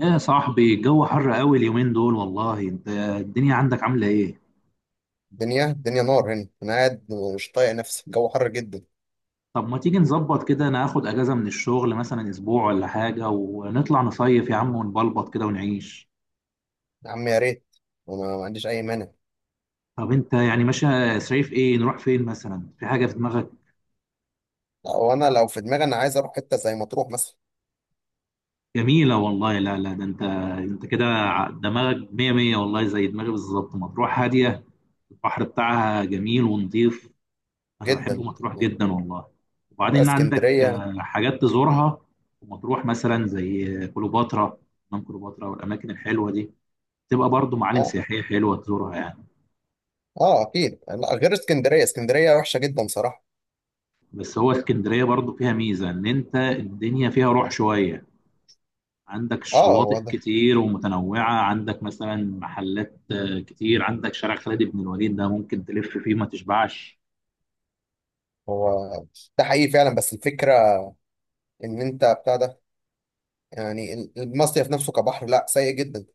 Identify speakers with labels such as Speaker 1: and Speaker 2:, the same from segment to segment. Speaker 1: يا صاحبي الجو حر قوي اليومين دول، والله انت الدنيا عندك عاملة ايه؟
Speaker 2: الدنيا نار هنا، انا قاعد. مش طايق نفسي، الجو حر جدا.
Speaker 1: طب ما تيجي نظبط كده، انا اخد اجازة من الشغل مثلا اسبوع ولا حاجة، ونطلع نصيف يا عم ونبلبط كده ونعيش.
Speaker 2: يا عم يا ريت، وما ما عنديش اي مانع.
Speaker 1: طب انت يعني ماشي؟ صيف ايه؟ نروح فين مثلا؟ في حاجة في دماغك؟
Speaker 2: لو في دماغي انا عايز اروح حته زي مطروح مثلا.
Speaker 1: جميلة والله. لا لا، ده انت دماغك مية مية والله، زي دماغي بالظبط. مطروح هادية، البحر بتاعها جميل ونضيف. انا بحب
Speaker 2: جدا.
Speaker 1: مطروح جدا والله.
Speaker 2: لا،
Speaker 1: وبعدين عندك
Speaker 2: اسكندريه.
Speaker 1: حاجات تزورها في مطروح، مثلا زي كليوباترا، حمام كليوباترا والاماكن الحلوه دي، تبقى برضو معالم
Speaker 2: اه.
Speaker 1: سياحيه حلوه تزورها يعني.
Speaker 2: اه اكيد، لا غير اسكندريه. اسكندريه وحشه جدا صراحه.
Speaker 1: بس هو اسكندريه برضو فيها ميزه، ان انت الدنيا فيها روح شويه، عندك
Speaker 2: اه
Speaker 1: الشواطئ
Speaker 2: هو ده.
Speaker 1: كتير ومتنوعه، عندك مثلا محلات كتير، عندك شارع خالد بن الوليد ده ممكن تلف فيه ما تشبعش.
Speaker 2: هو. ده حقيقي فعلا، بس الفكره ان انت بتاع ده، يعني المصيف نفسه كبحر لا، سيء جدا.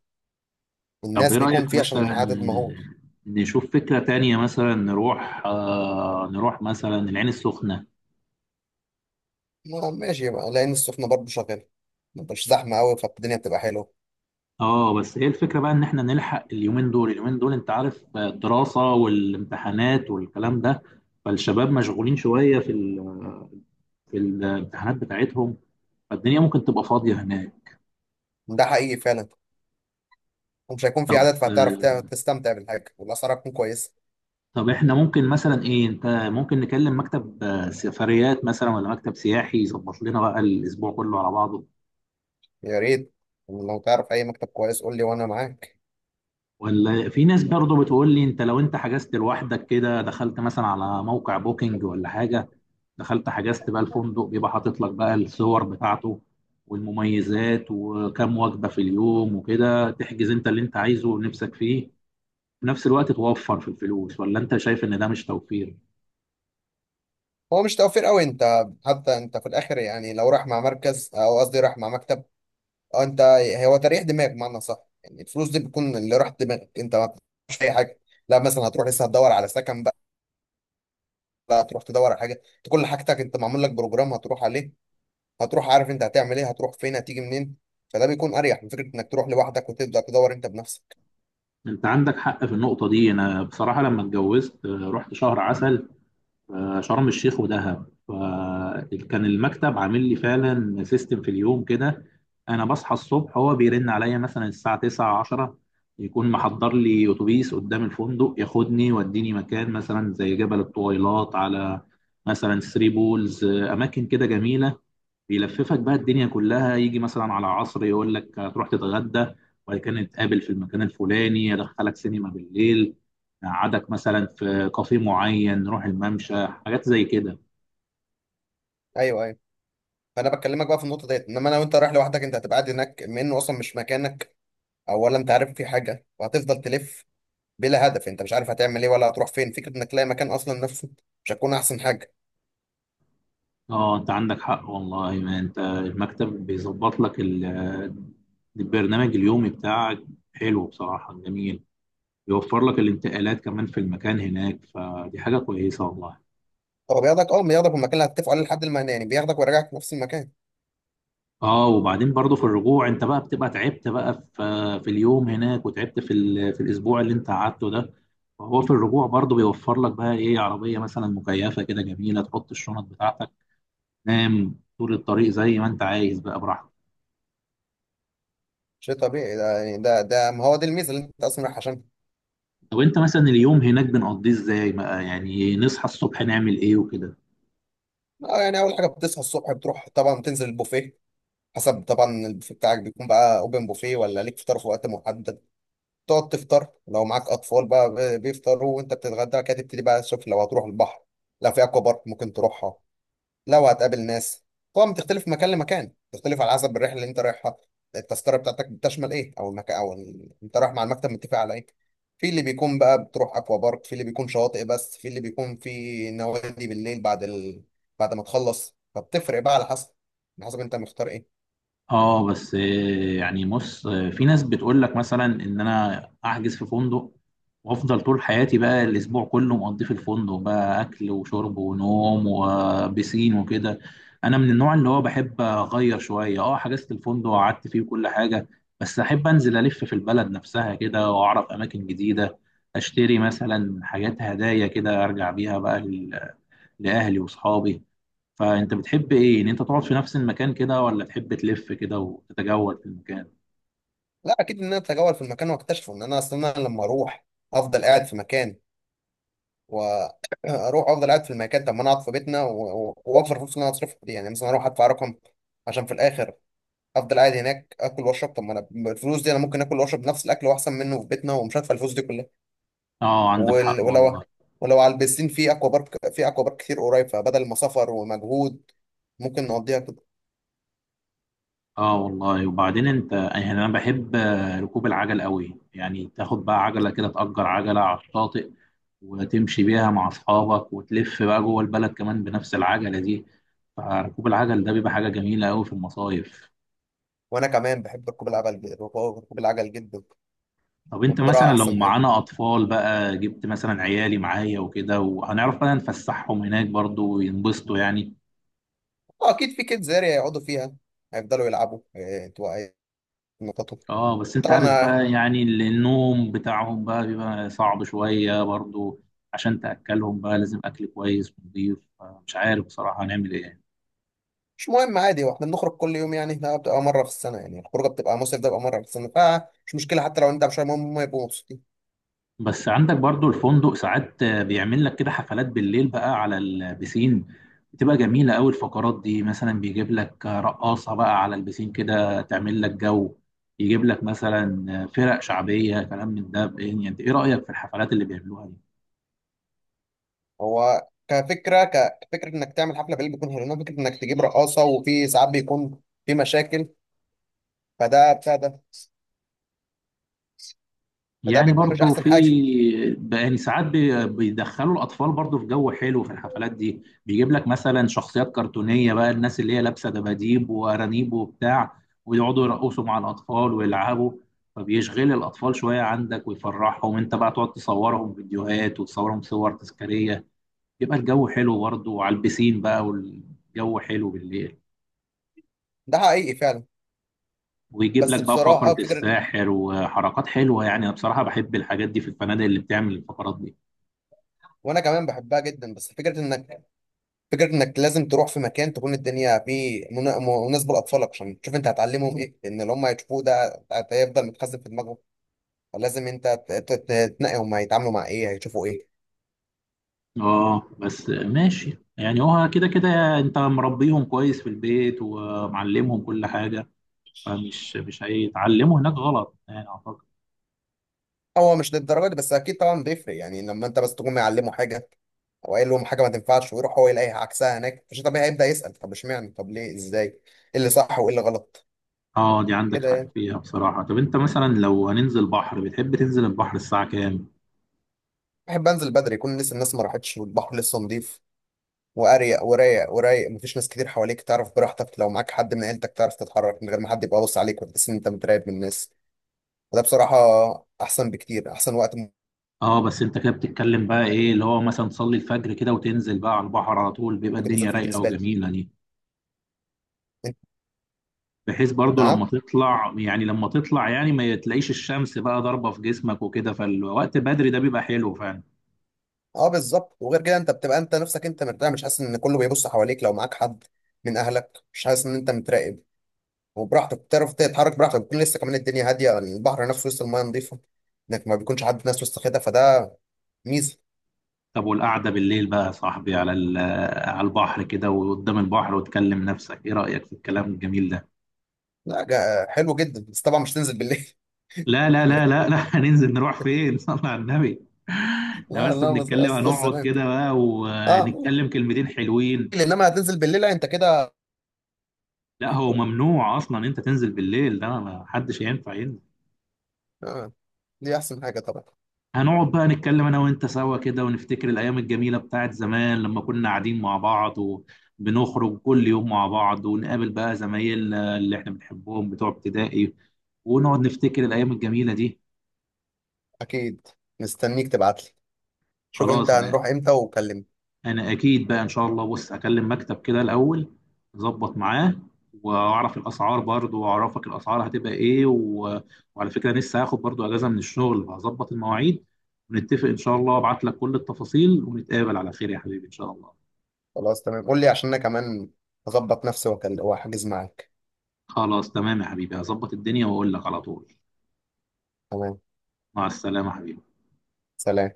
Speaker 1: طب
Speaker 2: الناس
Speaker 1: إيه
Speaker 2: بيكون
Speaker 1: رأيك
Speaker 2: فيه عشان
Speaker 1: مثلا
Speaker 2: عدد مهول.
Speaker 1: نشوف فكرة تانية؟ مثلا نروح مثلا العين السخنة.
Speaker 2: ماشي بقى، لان السخنه برضه شغاله، مش زحمه قوي، فالدنيا بتبقى حلوه.
Speaker 1: اه، بس ايه الفكرة بقى، ان احنا نلحق اليومين دول، اليومين دول انت عارف الدراسة والامتحانات والكلام ده، فالشباب مشغولين شوية في الامتحانات بتاعتهم، فالدنيا ممكن تبقى فاضية هناك.
Speaker 2: ده حقيقي فعلا. ومش هيكون في عدد، فهتعرف
Speaker 1: آه.
Speaker 2: تستمتع بالحاجة، والأسعار هتكون كويسة.
Speaker 1: طب احنا ممكن مثلا ايه، انت ممكن نكلم مكتب سفريات مثلا، ولا مكتب سياحي، يظبط لنا بقى الاسبوع كله على بعضه.
Speaker 2: يا ريت، لو تعرف أي مكتب كويس قول لي وأنا معاك.
Speaker 1: ولا في ناس برضو بتقول لي انت، لو انت حجزت لوحدك كده، دخلت مثلا على موقع بوكينج ولا حاجة، دخلت حجزت بقى الفندق، بيبقى حاطط لك بقى الصور بتاعته والمميزات، وكم وجبة في اليوم، وكده تحجز انت اللي انت عايزه ونفسك فيه، في نفس الوقت توفر في الفلوس. ولا انت شايف ان ده مش توفير؟
Speaker 2: هو مش توفير قوي أنت. حتى أنت في الآخر يعني، لو راح مع مركز أو قصدي راح مع مكتب أو أنت، هو تريح دماغ بمعنى صح. يعني الفلوس دي بتكون اللي راح دماغك أنت، ما مش أي حاجة. لا مثلا هتروح لسه هتدور على سكن بقى؟ لا، هتروح تدور على حاجة؟ أنت كل حاجتك أنت معمول لك بروجرام هتروح عليه. هتروح عارف أنت هتعمل إيه، هتروح فين، هتيجي منين. فده بيكون أريح من فكرة إنك تروح لوحدك وتبدأ تدور أنت بنفسك.
Speaker 1: انت عندك حق في النقطة دي. انا بصراحة لما اتجوزت رحت شهر عسل، شرم الشيخ ودهب، فكان المكتب عامل لي فعلا سيستم في اليوم كده. انا بصحى الصبح، هو بيرن عليا مثلا الساعه 9 10، يكون محضر لي اتوبيس قدام الفندق، ياخدني يوديني مكان مثلا زي جبل الطويلات، على مثلا ثري بولز، اماكن كده جميله. بيلففك بقى الدنيا كلها، يجي مثلا على عصر يقول لك هتروح تتغدى، وبعد كده نتقابل في المكان الفلاني، يدخلك سينما بالليل، قعدك مثلا في كافيه معين، نروح الممشى، حاجات زي كده.
Speaker 2: أيوه، أيوه. فانا بكلمك بقى في النقطه ديت، انما لو انت رايح لوحدك انت هتبقى قاعد هناك، بما انه اصلا مش مكانك، او ولا انت عارف في حاجه، وهتفضل تلف بلا هدف. انت مش عارف هتعمل ايه ولا هتروح فين، فكره انك تلاقي مكان اصلا نفسه مش هتكون احسن حاجه.
Speaker 1: اه انت عندك حق والله، ما انت المكتب بيظبط لك البرنامج اليومي بتاعك. حلو بصراحة، جميل. يوفر لك الانتقالات كمان في المكان هناك، فدي حاجة كويسة والله.
Speaker 2: هو بياخدك المكان اللي هتتفقوا عليه لحد المكان، يعني بياخدك ويرجعك في نفس المكان.
Speaker 1: اه، وبعدين برضه في الرجوع، انت بقى بتبقى تعبت بقى في اليوم هناك، وتعبت في الاسبوع اللي انت قعدته ده، فهو في الرجوع برضه بيوفر لك بقى ايه، عربيه مثلا مكيفه كده جميله، تحط الشنط بتاعتك، تنام طول الطريق زي ما انت عايز بقى براحتك.
Speaker 2: شيء طبيعي ده، يعني ده ما هو دي الميزه اللي انت اصلا رايح عشان.
Speaker 1: طب انت مثلا اليوم هناك بنقضيه ازاي بقى يعني؟ نصحى الصبح نعمل ايه وكده؟
Speaker 2: اه يعني، اول حاجه بتصحى الصبح بتروح طبعا تنزل البوفيه. حسب طبعا، البوفيه بتاعك بيكون بقى اوبن بوفيه ولا ليك فطار في وقت محدد. تقعد تفطر، لو معاك اطفال بقى بيفطروا، وانت بتتغدى كده، تبتدي بقى تشوف لو هتروح البحر. لو في اكوا بارك ممكن تروحها. لو هتقابل ناس، طبعا بتختلف من مكان لمكان، بتختلف على حسب الرحله اللي انت رايحها. التذكره بتاعتك بتشمل ايه، او المكان، او انت رايح مع المكتب متفق على ايه. في اللي بيكون بقى بتروح اكوا بارك، في اللي بيكون شواطئ بس، في اللي بيكون في نوادي بالليل. بعد ما تخلص فبتفرق بقى على حسب انت مختار ايه.
Speaker 1: اه، بس يعني بص في ناس بتقول لك مثلا ان انا احجز في فندق، وافضل طول حياتي بقى الاسبوع كله مقضيه في الفندق، بقى اكل وشرب ونوم وبسين وكده. انا من النوع اللي هو بحب اغير شويه. اه حجزت الفندق وقعدت فيه وكل حاجه، بس احب انزل الف في البلد نفسها كده، واعرف اماكن جديده، اشتري مثلا حاجات هدايا كده ارجع بيها بقى لأهلي وأصحابي. فأنت بتحب إيه؟ إن أنت تقعد في نفس المكان كده، ولا تحب تلف كده وتتجول في المكان؟
Speaker 2: لا اكيد، ان انا اتجول في المكان واكتشفه. ان انا اصلا لما اروح افضل قاعد في مكان، واروح افضل قاعد في المكان، طب ما انا اقعد في بيتنا واوفر الفلوس اللي انا هصرفها دي، يعني مثلا اروح ادفع رقم عشان في الاخر افضل قاعد هناك اكل واشرب. طب ما انا الفلوس دي انا ممكن اكل واشرب نفس الاكل واحسن منه في بيتنا، ومش هدفع الفلوس دي كلها.
Speaker 1: آه عندك حق والله.
Speaker 2: ولو، ولو على البسين، في اكوا بارك، كتير قريب، فبدل ما سفر ومجهود ممكن نقضيها كده.
Speaker 1: آه والله. وبعدين أنت يعني أنا بحب ركوب العجل قوي، يعني تاخد بقى عجلة كده، تأجر عجلة على الشاطئ، وتمشي بيها مع أصحابك، وتلف بقى جوه البلد كمان بنفس العجلة دي، فركوب العجل ده بيبقى حاجة جميلة قوي في المصايف.
Speaker 2: وانا كمان بحب ركوب العجل، ركوب العجل جدا.
Speaker 1: طب انت
Speaker 2: والقراءه
Speaker 1: مثلا لو
Speaker 2: احسن حاجه.
Speaker 1: معانا اطفال بقى، جبت مثلا عيالي معايا وكده، وهنعرف بقى نفسحهم هناك برضو وينبسطوا يعني؟
Speaker 2: آه، اكيد في كيدز اريا يقعدوا فيها، هيفضلوا يلعبوا إيه، يتنططوا.
Speaker 1: اه، بس انت عارف
Speaker 2: طبعا.
Speaker 1: بقى يعني النوم بتاعهم بقى بيبقى صعب شوية برضو، عشان تأكلهم بقى لازم اكل كويس ونضيف. مش عارف بصراحة هنعمل ايه.
Speaker 2: مش مهم، عادي، واحنا بنخرج كل يوم يعني، ده بتبقى مره في السنه، يعني الخروجه بتبقى مصيف، ده بيبقى مره في السنه، فمش مشكله، حتى لو انت مش، المهم هم يبقوا مبسوطين.
Speaker 1: بس عندك برضو الفندق ساعات بيعمل لك كده حفلات بالليل بقى على البسين، بتبقى جميلة أوي الفقرات دي، مثلا بيجيب لك رقاصة بقى على البسين كده تعمل لك جو، يجيب لك مثلا فرق شعبية، كلام من ده يعني. انت ايه رأيك في الحفلات اللي بيعملوها دي؟
Speaker 2: هو كفكره، كفكره انك تعمل حفله بالليل بيكون حلو، انما فكره انك تجيب رقاصه وفي ساعات بيكون في مشاكل، فده بتاع ده. فده
Speaker 1: يعني
Speaker 2: بيكون مش
Speaker 1: برضو
Speaker 2: احسن
Speaker 1: في
Speaker 2: حاجه.
Speaker 1: يعني ساعات بيدخلوا الاطفال برضو في جو حلو في الحفلات دي، بيجيب لك مثلا شخصيات كرتونيه بقى، الناس اللي هي لابسه دباديب وارانيب وبتاع، ويقعدوا يرقصوا مع الاطفال ويلعبوا، فبيشغل الاطفال شويه عندك ويفرحهم، انت بقى تقعد تصورهم فيديوهات وتصورهم صور تذكاريه، يبقى الجو حلو برضو، وعلى البسين بقى والجو حلو بالليل.
Speaker 2: ده حقيقي فعلا.
Speaker 1: ويجيب لك
Speaker 2: بس
Speaker 1: بقى فقرة
Speaker 2: بصراحه، فكره،
Speaker 1: الساحر وحركات حلوة يعني. أنا بصراحة بحب الحاجات دي في الفنادق اللي بتعمل الفقرات دي.
Speaker 2: وانا كمان بحبها جدا، بس فكره انك، فكره انك لازم تروح في مكان تكون الدنيا فيه مناسبه لاطفالك، عشان تشوف انت هتعلمهم ايه، لان اللي هم هيشوفوه ده هيفضل متخزن في دماغهم. لازم انت تنقي هم هيتعاملوا مع ايه، هيشوفوا ايه.
Speaker 1: اه بس ماشي يعني، هو كده كده انت مربيهم كويس في البيت ومعلمهم كل حاجة، فمش مش هيتعلموا هناك غلط يعني اعتقد.
Speaker 2: هو مش للدرجه دي، بس اكيد طبعا بيفرق يعني، لما انت بس تكون معلمه حاجه او قايل لهم حاجه ما تنفعش، ويروح هو يلاقي عكسها هناك، مش طبيعي هيبدا يسال، طب اشمعنى، طب ليه، ازاي، ايه اللي صح وايه اللي غلط.
Speaker 1: اه دي عندك
Speaker 2: كده
Speaker 1: حق
Speaker 2: يعني،
Speaker 1: فيها بصراحة. طب انت مثلا لو هننزل بحر، بتحب تنزل البحر الساعة كام؟
Speaker 2: بحب انزل بدري يكون لسه الناس ما راحتش، والبحر لسه نضيف واريق ورايق ورايق، مفيش ناس كتير حواليك، تعرف براحتك لو معاك حد من عيلتك تعرف تتحرك من غير ما حد يبقى باص عليك، وتحس ان انت متراقب من الناس. وده بصراحه احسن بكتير، احسن وقت
Speaker 1: اه، بس انت كده بتتكلم بقى ايه اللي هو مثلا تصلي الفجر كده وتنزل بقى على البحر على طول، بيبقى
Speaker 2: ممكن
Speaker 1: الدنيا
Speaker 2: تنزل فيه
Speaker 1: رايقة
Speaker 2: بالنسبه لي.
Speaker 1: وجميلة دي، بحيث برضو لما
Speaker 2: نعم.
Speaker 1: تطلع، يعني ما تلاقيش الشمس بقى ضاربة في جسمك وكده، فالوقت بدري ده بيبقى حلو فعلا.
Speaker 2: اه بالظبط. وغير كده انت بتبقى انت نفسك انت مرتاح، مش حاسس ان كله بيبص حواليك، لو معاك حد من اهلك مش حاسس ان انت متراقب. وبراحتك بتعرف تتحرك براحتك، بتكون لسه كمان الدنيا هاديه، البحر نفسه وسط المايه نظيفه، انك ما بيكونش حد ناس وسط كده، فده ميزه.
Speaker 1: طب والقعدة بالليل بقى يا صاحبي على البحر كده وقدام البحر وتكلم نفسك، ايه رأيك في الكلام الجميل ده؟
Speaker 2: لا، حلو جدا، بس طبعا مش تنزل بالليل
Speaker 1: لا لا لا
Speaker 2: إنك-
Speaker 1: لا لا هننزل نروح فين صلى على النبي. احنا
Speaker 2: لا
Speaker 1: بس
Speaker 2: لا، بس
Speaker 1: بنتكلم،
Speaker 2: قصدي
Speaker 1: هنقعد
Speaker 2: السلام.
Speaker 1: كده بقى
Speaker 2: اه ممكن،
Speaker 1: ونتكلم كلمتين حلوين.
Speaker 2: انما هتنزل بالليل، لا انت كده.
Speaker 1: لا هو ممنوع اصلا انت تنزل بالليل ده، ما حدش ينفع ينزل.
Speaker 2: آه. دي احسن حاجه طبعا.
Speaker 1: هنقعد بقى نتكلم انا وانت سوا كده، ونفتكر الايام الجميله بتاعت زمان، لما كنا قاعدين مع بعض وبنخرج كل يوم مع بعض، ونقابل بقى زمايلنا اللي احنا بنحبهم بتوع ابتدائي، ونقعد نفتكر الايام الجميله دي.
Speaker 2: اكيد، مستنيك تبعت لي. شوف انت
Speaker 1: خلاص
Speaker 2: هنروح امتى وكلمني.
Speaker 1: انا اكيد بقى ان شاء الله. بص، هكلم مكتب كده الاول، اظبط معاه واعرف الاسعار برضو، واعرفك الاسعار هتبقى ايه وعلى فكره لسه هاخد برضو اجازه من الشغل، هظبط المواعيد ونتفق ان شاء الله، ابعت لك كل التفاصيل، ونتقابل على خير يا حبيبي ان شاء الله.
Speaker 2: خلاص تمام، قول لي عشان انا كمان اظبط نفسي، واحجز معاك.
Speaker 1: خلاص تمام يا حبيبي، هظبط الدنيا واقول لك على طول.
Speaker 2: تمام.
Speaker 1: مع السلامة يا حبيبي.
Speaker 2: سلام.